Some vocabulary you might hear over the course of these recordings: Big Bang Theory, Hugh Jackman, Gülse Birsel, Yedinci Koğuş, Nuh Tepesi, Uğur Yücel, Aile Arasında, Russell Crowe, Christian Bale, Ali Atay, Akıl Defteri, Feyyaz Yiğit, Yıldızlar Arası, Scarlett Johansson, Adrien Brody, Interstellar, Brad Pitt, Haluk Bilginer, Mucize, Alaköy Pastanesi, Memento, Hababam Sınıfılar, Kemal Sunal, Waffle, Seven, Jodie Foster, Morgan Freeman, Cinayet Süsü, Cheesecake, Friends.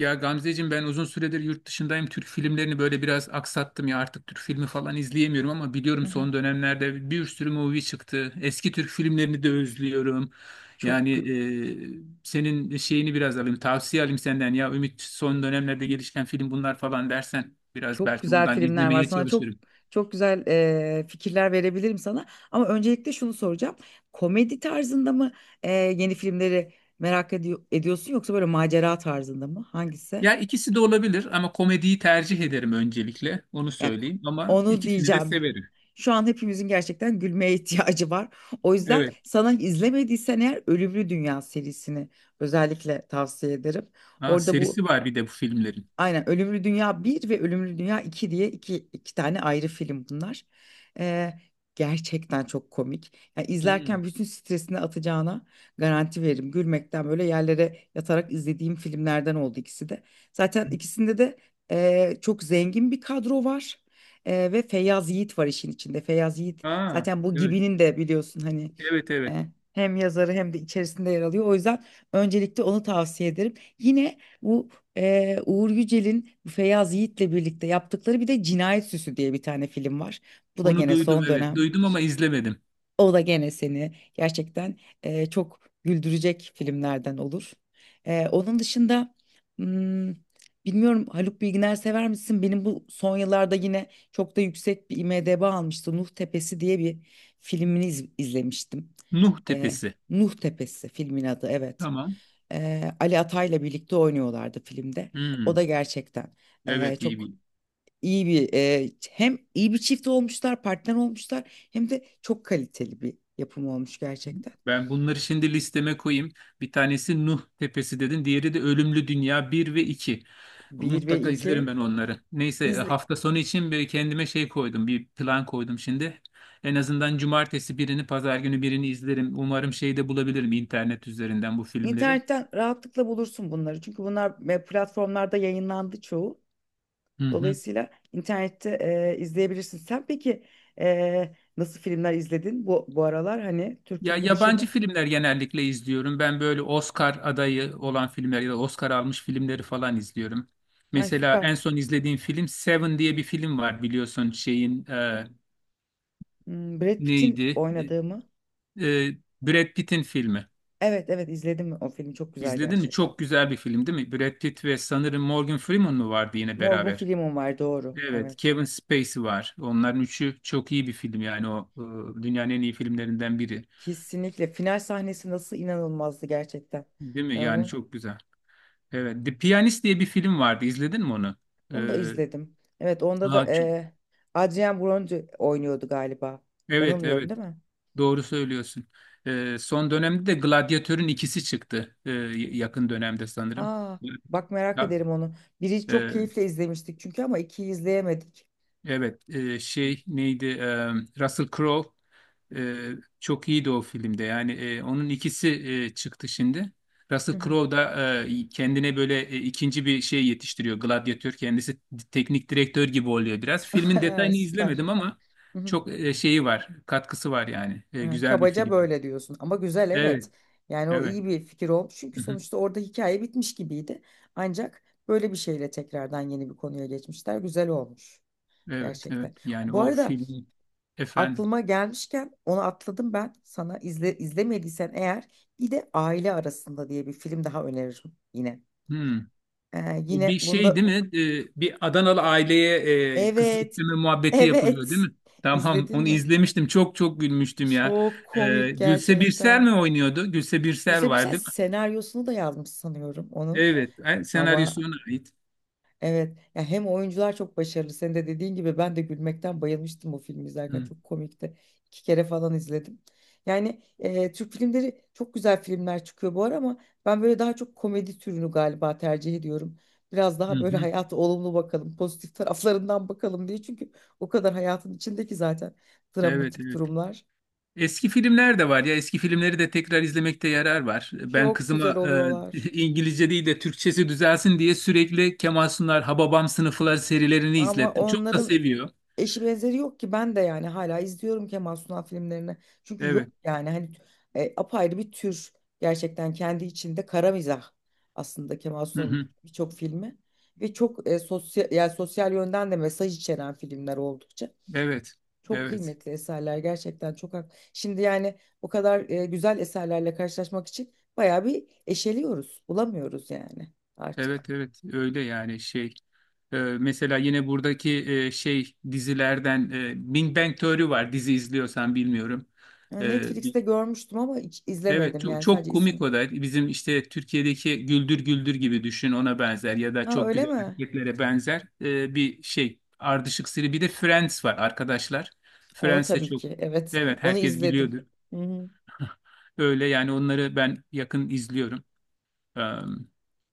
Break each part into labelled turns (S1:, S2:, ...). S1: Ya Gamzeciğim ben uzun süredir yurt dışındayım. Türk filmlerini böyle biraz aksattım ya artık Türk filmi falan izleyemiyorum ama
S2: Hı
S1: biliyorum
S2: hı.
S1: son dönemlerde bir sürü movie çıktı. Eski Türk filmlerini de özlüyorum. Yani
S2: Çok gü-
S1: senin şeyini biraz alayım, tavsiye alayım senden ya Ümit, son dönemlerde gelişen film bunlar falan dersen biraz
S2: çok
S1: belki
S2: güzel
S1: buradan
S2: filmler var.
S1: izlemeye
S2: Sana çok
S1: çalışırım.
S2: çok güzel fikirler verebilirim sana. Ama öncelikle şunu soracağım. Komedi tarzında mı yeni filmleri merak ediyorsun yoksa böyle macera tarzında mı? Hangisi?
S1: Ya ikisi de olabilir ama komediyi tercih ederim, öncelikle onu
S2: Yani
S1: söyleyeyim, ama
S2: onu
S1: ikisini de
S2: diyeceğim.
S1: severim.
S2: Şu an hepimizin gerçekten gülmeye ihtiyacı var. O yüzden
S1: Evet.
S2: sana izlemediysen eğer Ölümlü Dünya serisini özellikle tavsiye ederim.
S1: Aa,
S2: Orada bu
S1: serisi var bir de bu filmlerin.
S2: Aynen, Ölümlü Dünya Bir ve Ölümlü Dünya 2 diye iki tane ayrı film bunlar. Ee, Gerçekten çok komik. Yani
S1: Hı.
S2: izlerken bütün stresini atacağına garanti veririm. Gülmekten böyle yerlere yatarak izlediğim filmlerden oldu ikisi de. Zaten ikisinde de çok zengin bir kadro var. Ve Feyyaz Yiğit var işin içinde. Feyyaz Yiğit
S1: Aa,
S2: zaten bu
S1: evet.
S2: Gibi'nin de biliyorsun, hani,
S1: Evet evet.
S2: e, hem yazarı hem de içerisinde yer alıyor. O yüzden öncelikle onu tavsiye ederim. Yine bu Uğur Yücel'in bu Feyyaz Yiğit'le birlikte yaptıkları bir de Cinayet Süsü diye bir tane film var. Bu da
S1: Onu
S2: gene
S1: duydum,
S2: son
S1: evet.
S2: dönem.
S1: Duydum ama izlemedim.
S2: O da gene seni gerçekten çok güldürecek filmlerden olur. Onun dışında, hmm, bilmiyorum, Haluk Bilginer sever misin? Benim bu son yıllarda yine çok da yüksek bir IMDb almıştı. Nuh Tepesi diye bir filmini izlemiştim.
S1: Nuh
S2: E,
S1: Tepesi.
S2: Nuh Tepesi filmin adı, evet.
S1: Tamam.
S2: Ali Atay'la birlikte oynuyorlardı filmde. O
S1: Hmm,
S2: da gerçekten
S1: Evet iyi
S2: çok
S1: bir.
S2: iyi bir, hem iyi bir çift olmuşlar, partner olmuşlar, hem de çok kaliteli bir yapım olmuş gerçekten.
S1: Ben bunları şimdi listeme koyayım. Bir tanesi Nuh Tepesi dedin. Diğeri de Ölümlü Dünya bir ve iki.
S2: Bir ve
S1: Mutlaka izlerim
S2: iki.
S1: ben onları. Neyse
S2: İzle,
S1: hafta sonu için bir kendime şey koydum. Bir plan koydum şimdi. En azından cumartesi birini, pazar günü birini izlerim. Umarım şeyde bulabilirim, internet üzerinden bu filmleri.
S2: internetten rahatlıkla bulursun bunları. Çünkü bunlar platformlarda yayınlandı çoğu.
S1: Hı hı.
S2: Dolayısıyla internette izleyebilirsin. Sen peki nasıl filmler izledin bu aralar? Hani Türk
S1: Ya
S2: filmi
S1: yabancı
S2: dışında.
S1: filmler genellikle izliyorum. Ben böyle Oscar adayı olan filmler ya da Oscar almış filmleri falan izliyorum.
S2: Ay,
S1: Mesela
S2: süper.
S1: en son izlediğim film Seven diye bir film var, biliyorsun şeyin
S2: Brad Pitt'in
S1: neydi?
S2: oynadığı mı?
S1: E, e, Brad Pitt'in filmi.
S2: Evet, evet, izledim o filmi, çok güzel
S1: İzledin mi?
S2: gerçekten.
S1: Çok güzel bir film değil mi? Brad Pitt ve sanırım Morgan Freeman mı vardı yine
S2: Morgan
S1: beraber?
S2: Freeman var, doğru.
S1: Evet,
S2: Evet.
S1: Kevin Spacey var. Onların üçü çok iyi bir film, yani o dünyanın en iyi filmlerinden biri.
S2: Kesinlikle final sahnesi nasıl inanılmazdı gerçekten.
S1: Değil mi?
S2: Ben
S1: Yani
S2: onu
S1: çok güzel. Evet, The Pianist diye bir film vardı. İzledin mi onu?
S2: onu da
S1: Ee,
S2: izledim. Evet, onda da
S1: aa, ç-
S2: Adrien Brody oynuyordu galiba.
S1: evet,
S2: Yanılmıyorum
S1: evet.
S2: değil mi?
S1: Doğru söylüyorsun. Son dönemde de Gladyatör'ün ikisi çıktı. Yakın dönemde sanırım.
S2: Aa, bak, merak
S1: Ya,
S2: ederim onu. Biri çok
S1: e,
S2: keyifle izlemiştik çünkü, ama ikiyi izleyemedik.
S1: evet, şey neydi? Russell Crowe. E, Çok iyiydi o filmde. Yani onun ikisi çıktı şimdi.
S2: Hı
S1: Russell
S2: hı.
S1: Crowe da kendine böyle ikinci bir şey yetiştiriyor. Gladyatör kendisi teknik direktör gibi oluyor biraz. Filmin
S2: Ha,
S1: detayını
S2: süper.
S1: izlemedim ama çok şeyi var, katkısı var yani.
S2: Hı,
S1: Güzel bir
S2: kabaca
S1: film.
S2: böyle diyorsun ama güzel,
S1: Evet,
S2: evet. Yani o
S1: evet.
S2: iyi bir fikir olmuş çünkü
S1: Hı hı.
S2: sonuçta orada hikaye bitmiş gibiydi. Ancak böyle bir şeyle tekrardan yeni bir konuya geçmişler. Güzel olmuş
S1: Evet, evet.
S2: gerçekten.
S1: Yani
S2: Bu
S1: o
S2: arada
S1: film, efendim.
S2: aklıma gelmişken onu atladım ben. Sana, izlemediysen eğer, bir de Aile Arasında diye bir film daha öneririm yine.
S1: Hmm. Bu
S2: Yine
S1: bir şey değil
S2: bunda,
S1: mi? Bir Adanalı aileye kız
S2: evet.
S1: isteme muhabbeti yapılıyor değil
S2: Evet,
S1: mi? Tamam,
S2: izledin
S1: onu
S2: mi?
S1: izlemiştim. Çok çok gülmüştüm ya.
S2: Çok komik
S1: Gülse Birsel
S2: gerçekten.
S1: mi oynuyordu? Gülse Birsel
S2: Güzel
S1: var
S2: güzel
S1: değil mi?
S2: senaryosunu da yazmış sanıyorum onun.
S1: Evet, senaryosu
S2: Ama
S1: ona ait.
S2: evet ya, hem oyuncular çok başarılı. Senin de dediğin gibi ben de gülmekten bayılmıştım o filmi izlerken.
S1: Hı,
S2: Çok komikti. İki kere falan izledim. Yani Türk filmleri, çok güzel filmler çıkıyor bu ara, ama ben böyle daha çok komedi türünü galiba tercih ediyorum. Biraz
S1: hı,
S2: daha böyle
S1: hı.
S2: hayata olumlu bakalım, pozitif taraflarından bakalım diye. Çünkü o kadar hayatın içindeki zaten
S1: Evet,
S2: dramatik
S1: evet.
S2: durumlar.
S1: Eski filmler de var ya. Eski filmleri de tekrar izlemekte yarar var. Ben
S2: Çok güzel
S1: kızıma
S2: oluyorlar.
S1: İngilizce değil de Türkçesi düzelsin diye sürekli Kemal Sunal, Hababam Sınıfılar serilerini
S2: Ama
S1: izlettim. Çok da
S2: onların
S1: seviyor.
S2: eşi benzeri yok ki, ben de yani hala izliyorum Kemal Sunal filmlerini. Çünkü
S1: Evet.
S2: yok yani, hani, apayrı bir tür gerçekten, kendi içinde kara mizah aslında Kemal
S1: Hı
S2: Sunal'ın
S1: hı.
S2: birçok filmi, ve çok sosyal, yani sosyal yönden de mesaj içeren filmler. Oldukça
S1: Evet.
S2: çok
S1: Evet.
S2: kıymetli eserler gerçekten, çok şimdi yani o kadar güzel eserlerle karşılaşmak için bayağı bir eşeliyoruz, bulamıyoruz yani artık.
S1: Evet evet, öyle yani şey. Mesela yine buradaki şey dizilerden Big Bang Theory var, dizi izliyorsan bilmiyorum.
S2: Yani
S1: Ee, bi-
S2: Netflix'te görmüştüm ama hiç
S1: evet
S2: izlemedim,
S1: çok,
S2: yani
S1: çok
S2: sadece
S1: komik
S2: ismi.
S1: o da, bizim işte Türkiye'deki Güldür Güldür gibi düşün, ona benzer ya da
S2: Ha,
S1: çok
S2: öyle
S1: güzel
S2: mi?
S1: hareketlere benzer bir şey, ardışık seri. Bir de Friends var, arkadaşlar.
S2: Onu
S1: Friends de
S2: tabii
S1: çok,
S2: ki. Evet.
S1: evet
S2: Onu
S1: herkes
S2: izledim.
S1: biliyordu.
S2: Hı hı.
S1: Öyle yani, onları ben yakın izliyorum. Ee,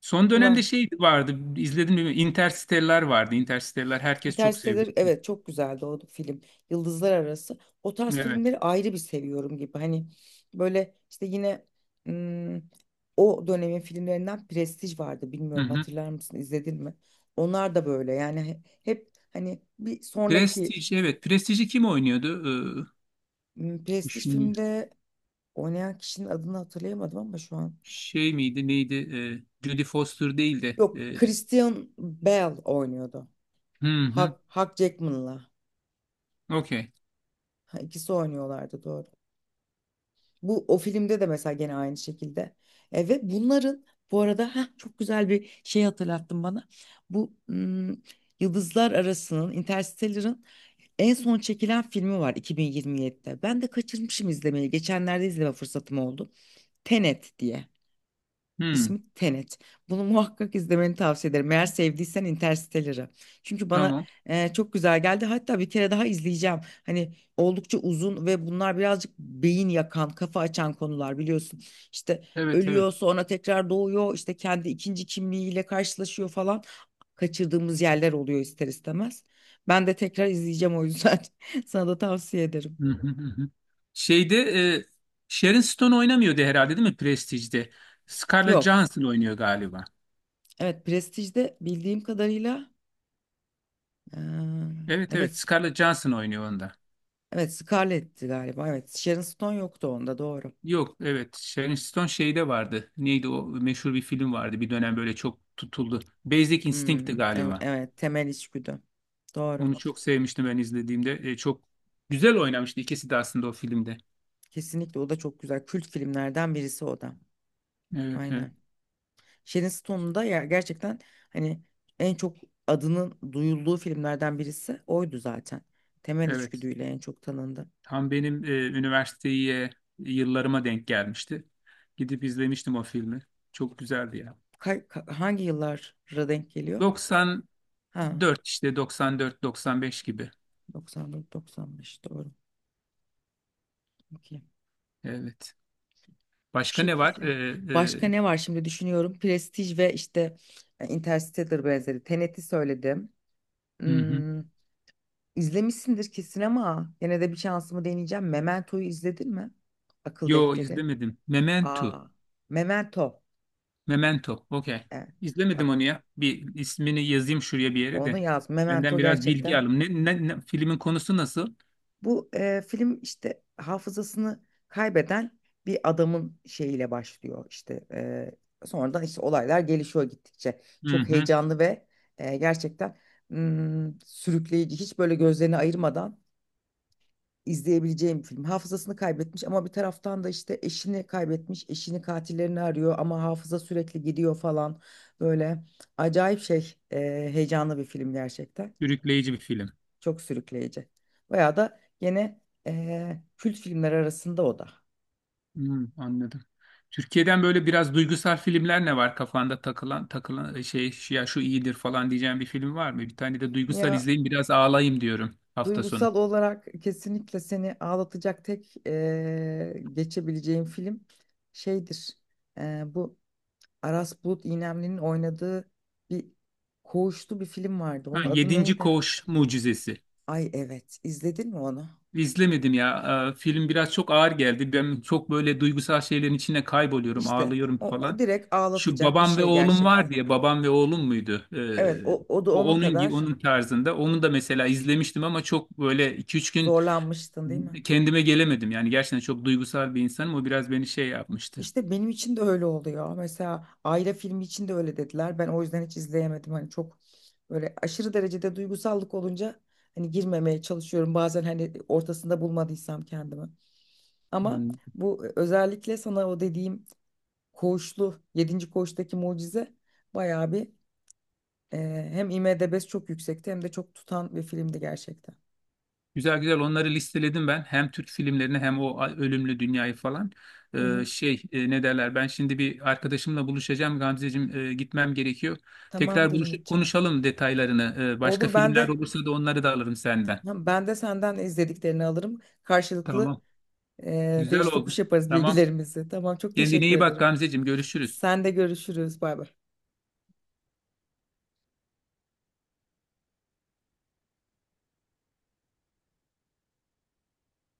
S1: Son dönemde
S2: Buna
S1: şey vardı, izledim mi? Interstellar vardı. Interstellar herkes çok
S2: Interstellar,
S1: seviyordu.
S2: evet, çok güzeldi o film. Yıldızlar Arası. O tarz
S1: Evet.
S2: filmleri ayrı bir seviyorum gibi. Hani böyle işte yine, ım, o dönemin filmlerinden Prestij vardı.
S1: Hı
S2: Bilmiyorum,
S1: hı.
S2: hatırlar mısın, izledin mi? Onlar da böyle yani, hep, hani, bir sonraki,
S1: Prestige, evet. Prestige'i kim oynuyordu?
S2: Prestij
S1: Şimdi
S2: filmde oynayan kişinin adını hatırlayamadım ama şu an.
S1: şey miydi, neydi? Jodie Foster değil de.
S2: Yok, Christian Bale oynuyordu.
S1: Hı hı.
S2: Hugh Jackman'la.
S1: Okey.
S2: Ha, ikisi oynuyorlardı, doğru. Bu o filmde de mesela gene aynı şekilde. Ve bunların, bu arada, çok güzel bir şey hatırlattın bana. Bu, Yıldızlar Arası'nın, Interstellar'ın, en son çekilen filmi var 2027'de. Ben de kaçırmışım izlemeyi. Geçenlerde izleme fırsatım oldu. Tenet diye.
S1: Hı,
S2: İsmi Tenet. Bunu muhakkak izlemeni tavsiye ederim, eğer sevdiysen Interstellar'ı. Çünkü bana
S1: tamam.
S2: çok güzel geldi. Hatta bir kere daha izleyeceğim. Hani oldukça uzun ve bunlar birazcık beyin yakan, kafa açan konular biliyorsun. İşte
S1: Evet, evet.
S2: ölüyor, sonra tekrar doğuyor, işte kendi ikinci kimliğiyle karşılaşıyor falan. Kaçırdığımız yerler oluyor ister istemez. Ben de tekrar izleyeceğim o yüzden. Sana da tavsiye ederim.
S1: Hı hı hı. Hı. Şeyde Sharon Stone oynamıyordu herhalde değil mi Prestige'de? Scarlett
S2: Yok.
S1: Johansson oynuyor galiba.
S2: Evet, Prestige'de bildiğim kadarıyla, eee,
S1: Evet, evet.
S2: evet.
S1: Scarlett Johansson oynuyor onda.
S2: Evet, Scarlett'ti galiba. Evet, Sharon Stone yoktu onda, doğru.
S1: Yok, evet Sharon Stone şeyde vardı. Neydi o meşhur bir film vardı. Bir dönem böyle çok tutuldu. Basic Instinct'ti
S2: Hmm, ev-
S1: galiba.
S2: evet temel içgüdü. Doğru.
S1: Onu çok sevmiştim ben izlediğimde. Çok güzel oynamıştı ikisi de aslında o filmde.
S2: Kesinlikle o da çok güzel. Kült filmlerden birisi o da.
S1: Evet evet.
S2: Aynen. Sharon Stone'un da gerçekten, hani, en çok adının duyulduğu filmlerden birisi oydu zaten. Temel
S1: Evet.
S2: içgüdüyle en çok tanındı.
S1: Tam benim üniversiteye yıllarıma denk gelmişti. Gidip izlemiştim o filmi. Çok güzeldi ya.
S2: Hangi yıllara denk geliyor? Ha,
S1: 94, işte 94-95 gibi.
S2: 94-95, doğru. Okey.
S1: Evet.
S2: Bu
S1: Başka ne var?
S2: şekilde. Başka ne var, şimdi düşünüyorum. Prestige ve işte Interstellar benzeri. Tenet'i söyledim.
S1: Hı hı.
S2: Hmm, izlemişsindir kesin ama yine de bir şansımı deneyeceğim. Memento'yu izledin mi? Akıl
S1: Yo
S2: defteri.
S1: izlemedim. Memento.
S2: Aa, Memento.
S1: Memento. Okey.
S2: Evet.
S1: İzlemedim
S2: Bak,
S1: onu ya. Bir ismini yazayım şuraya bir yere de.
S2: onu yaz.
S1: Benden
S2: Memento
S1: biraz bilgi
S2: gerçekten.
S1: alayım. Filmin konusu nasıl?
S2: Bu film işte hafızasını kaybeden bir adamın şeyiyle başlıyor, işte sonradan işte olaylar gelişiyor, gittikçe
S1: Hı
S2: çok
S1: hı.
S2: heyecanlı ve gerçekten, sürükleyici. Hiç böyle gözlerini ayırmadan izleyebileceğim bir film. Hafızasını kaybetmiş ama bir taraftan da işte eşini kaybetmiş, eşini, katillerini arıyor ama hafıza sürekli gidiyor falan, böyle acayip şey, heyecanlı bir film gerçekten.
S1: Sürükleyici bir film.
S2: Çok sürükleyici. Bayağı da gene kült filmler arasında o da.
S1: Hı, anladım. Türkiye'den böyle biraz duygusal filmler, ne var kafanda takılan takılan, şey, ya şu iyidir falan diyeceğim bir film var mı? Bir tane de duygusal
S2: Ya,
S1: izleyeyim, biraz ağlayayım diyorum hafta sonu.
S2: duygusal olarak kesinlikle seni ağlatacak tek geçebileceğim film şeydir. Bu Aras Bulut İynemli'nin oynadığı bir koğuşlu bir film vardı.
S1: Ha,
S2: Onun adı
S1: Yedinci
S2: neydi?
S1: Koğuş Mucizesi.
S2: Ay evet. izledin mi onu?
S1: İzlemedim ya. Film biraz çok ağır geldi. Ben çok böyle duygusal şeylerin içine kayboluyorum,
S2: İşte
S1: ağlıyorum
S2: o
S1: falan.
S2: direkt
S1: Şu
S2: ağlatacak bir
S1: babam ve
S2: şey
S1: oğlum var
S2: gerçekten.
S1: diye, babam ve oğlum muydu?
S2: Evet, o da
S1: O
S2: onun kadar
S1: onun tarzında. Onu da mesela izlemiştim ama çok böyle iki üç gün
S2: zorlanmıştın değil mi?
S1: kendime gelemedim. Yani gerçekten çok duygusal bir insanım. O biraz beni şey yapmıştı.
S2: İşte benim için de öyle oluyor. Mesela Ayla filmi için de öyle dediler. Ben o yüzden hiç izleyemedim. Hani çok böyle aşırı derecede duygusallık olunca hani girmemeye çalışıyorum. Bazen hani ortasında bulmadıysam kendimi. Ama
S1: Hani,
S2: bu özellikle sana o dediğim Koğuşlu, yedinci Koğuş'taki Mucize bayağı bir, e, hem IMDb'si çok yüksekti hem de çok tutan bir filmdi gerçekten.
S1: güzel güzel onları listeledim ben. Hem Türk filmlerini hem o Ölümlü Dünyayı falan.
S2: Hı hı.
S1: Şey, ne derler, ben şimdi bir arkadaşımla buluşacağım Gamzeciğim, gitmem gerekiyor. Tekrar
S2: Tamamdır
S1: buluş
S2: Ümitçiğim.
S1: konuşalım detaylarını. Başka
S2: Olur, ben
S1: filmler
S2: de
S1: olursa da onları da alırım senden.
S2: senden izlediklerini alırım.
S1: Tamam.
S2: Karşılıklı
S1: Güzel
S2: değiş tokuş
S1: oldu.
S2: yaparız
S1: Tamam.
S2: bilgilerimizi. Tamam, çok
S1: Kendine
S2: teşekkür
S1: iyi bak
S2: ederim.
S1: Gamzeciğim, görüşürüz.
S2: Sen de görüşürüz. Bay bay.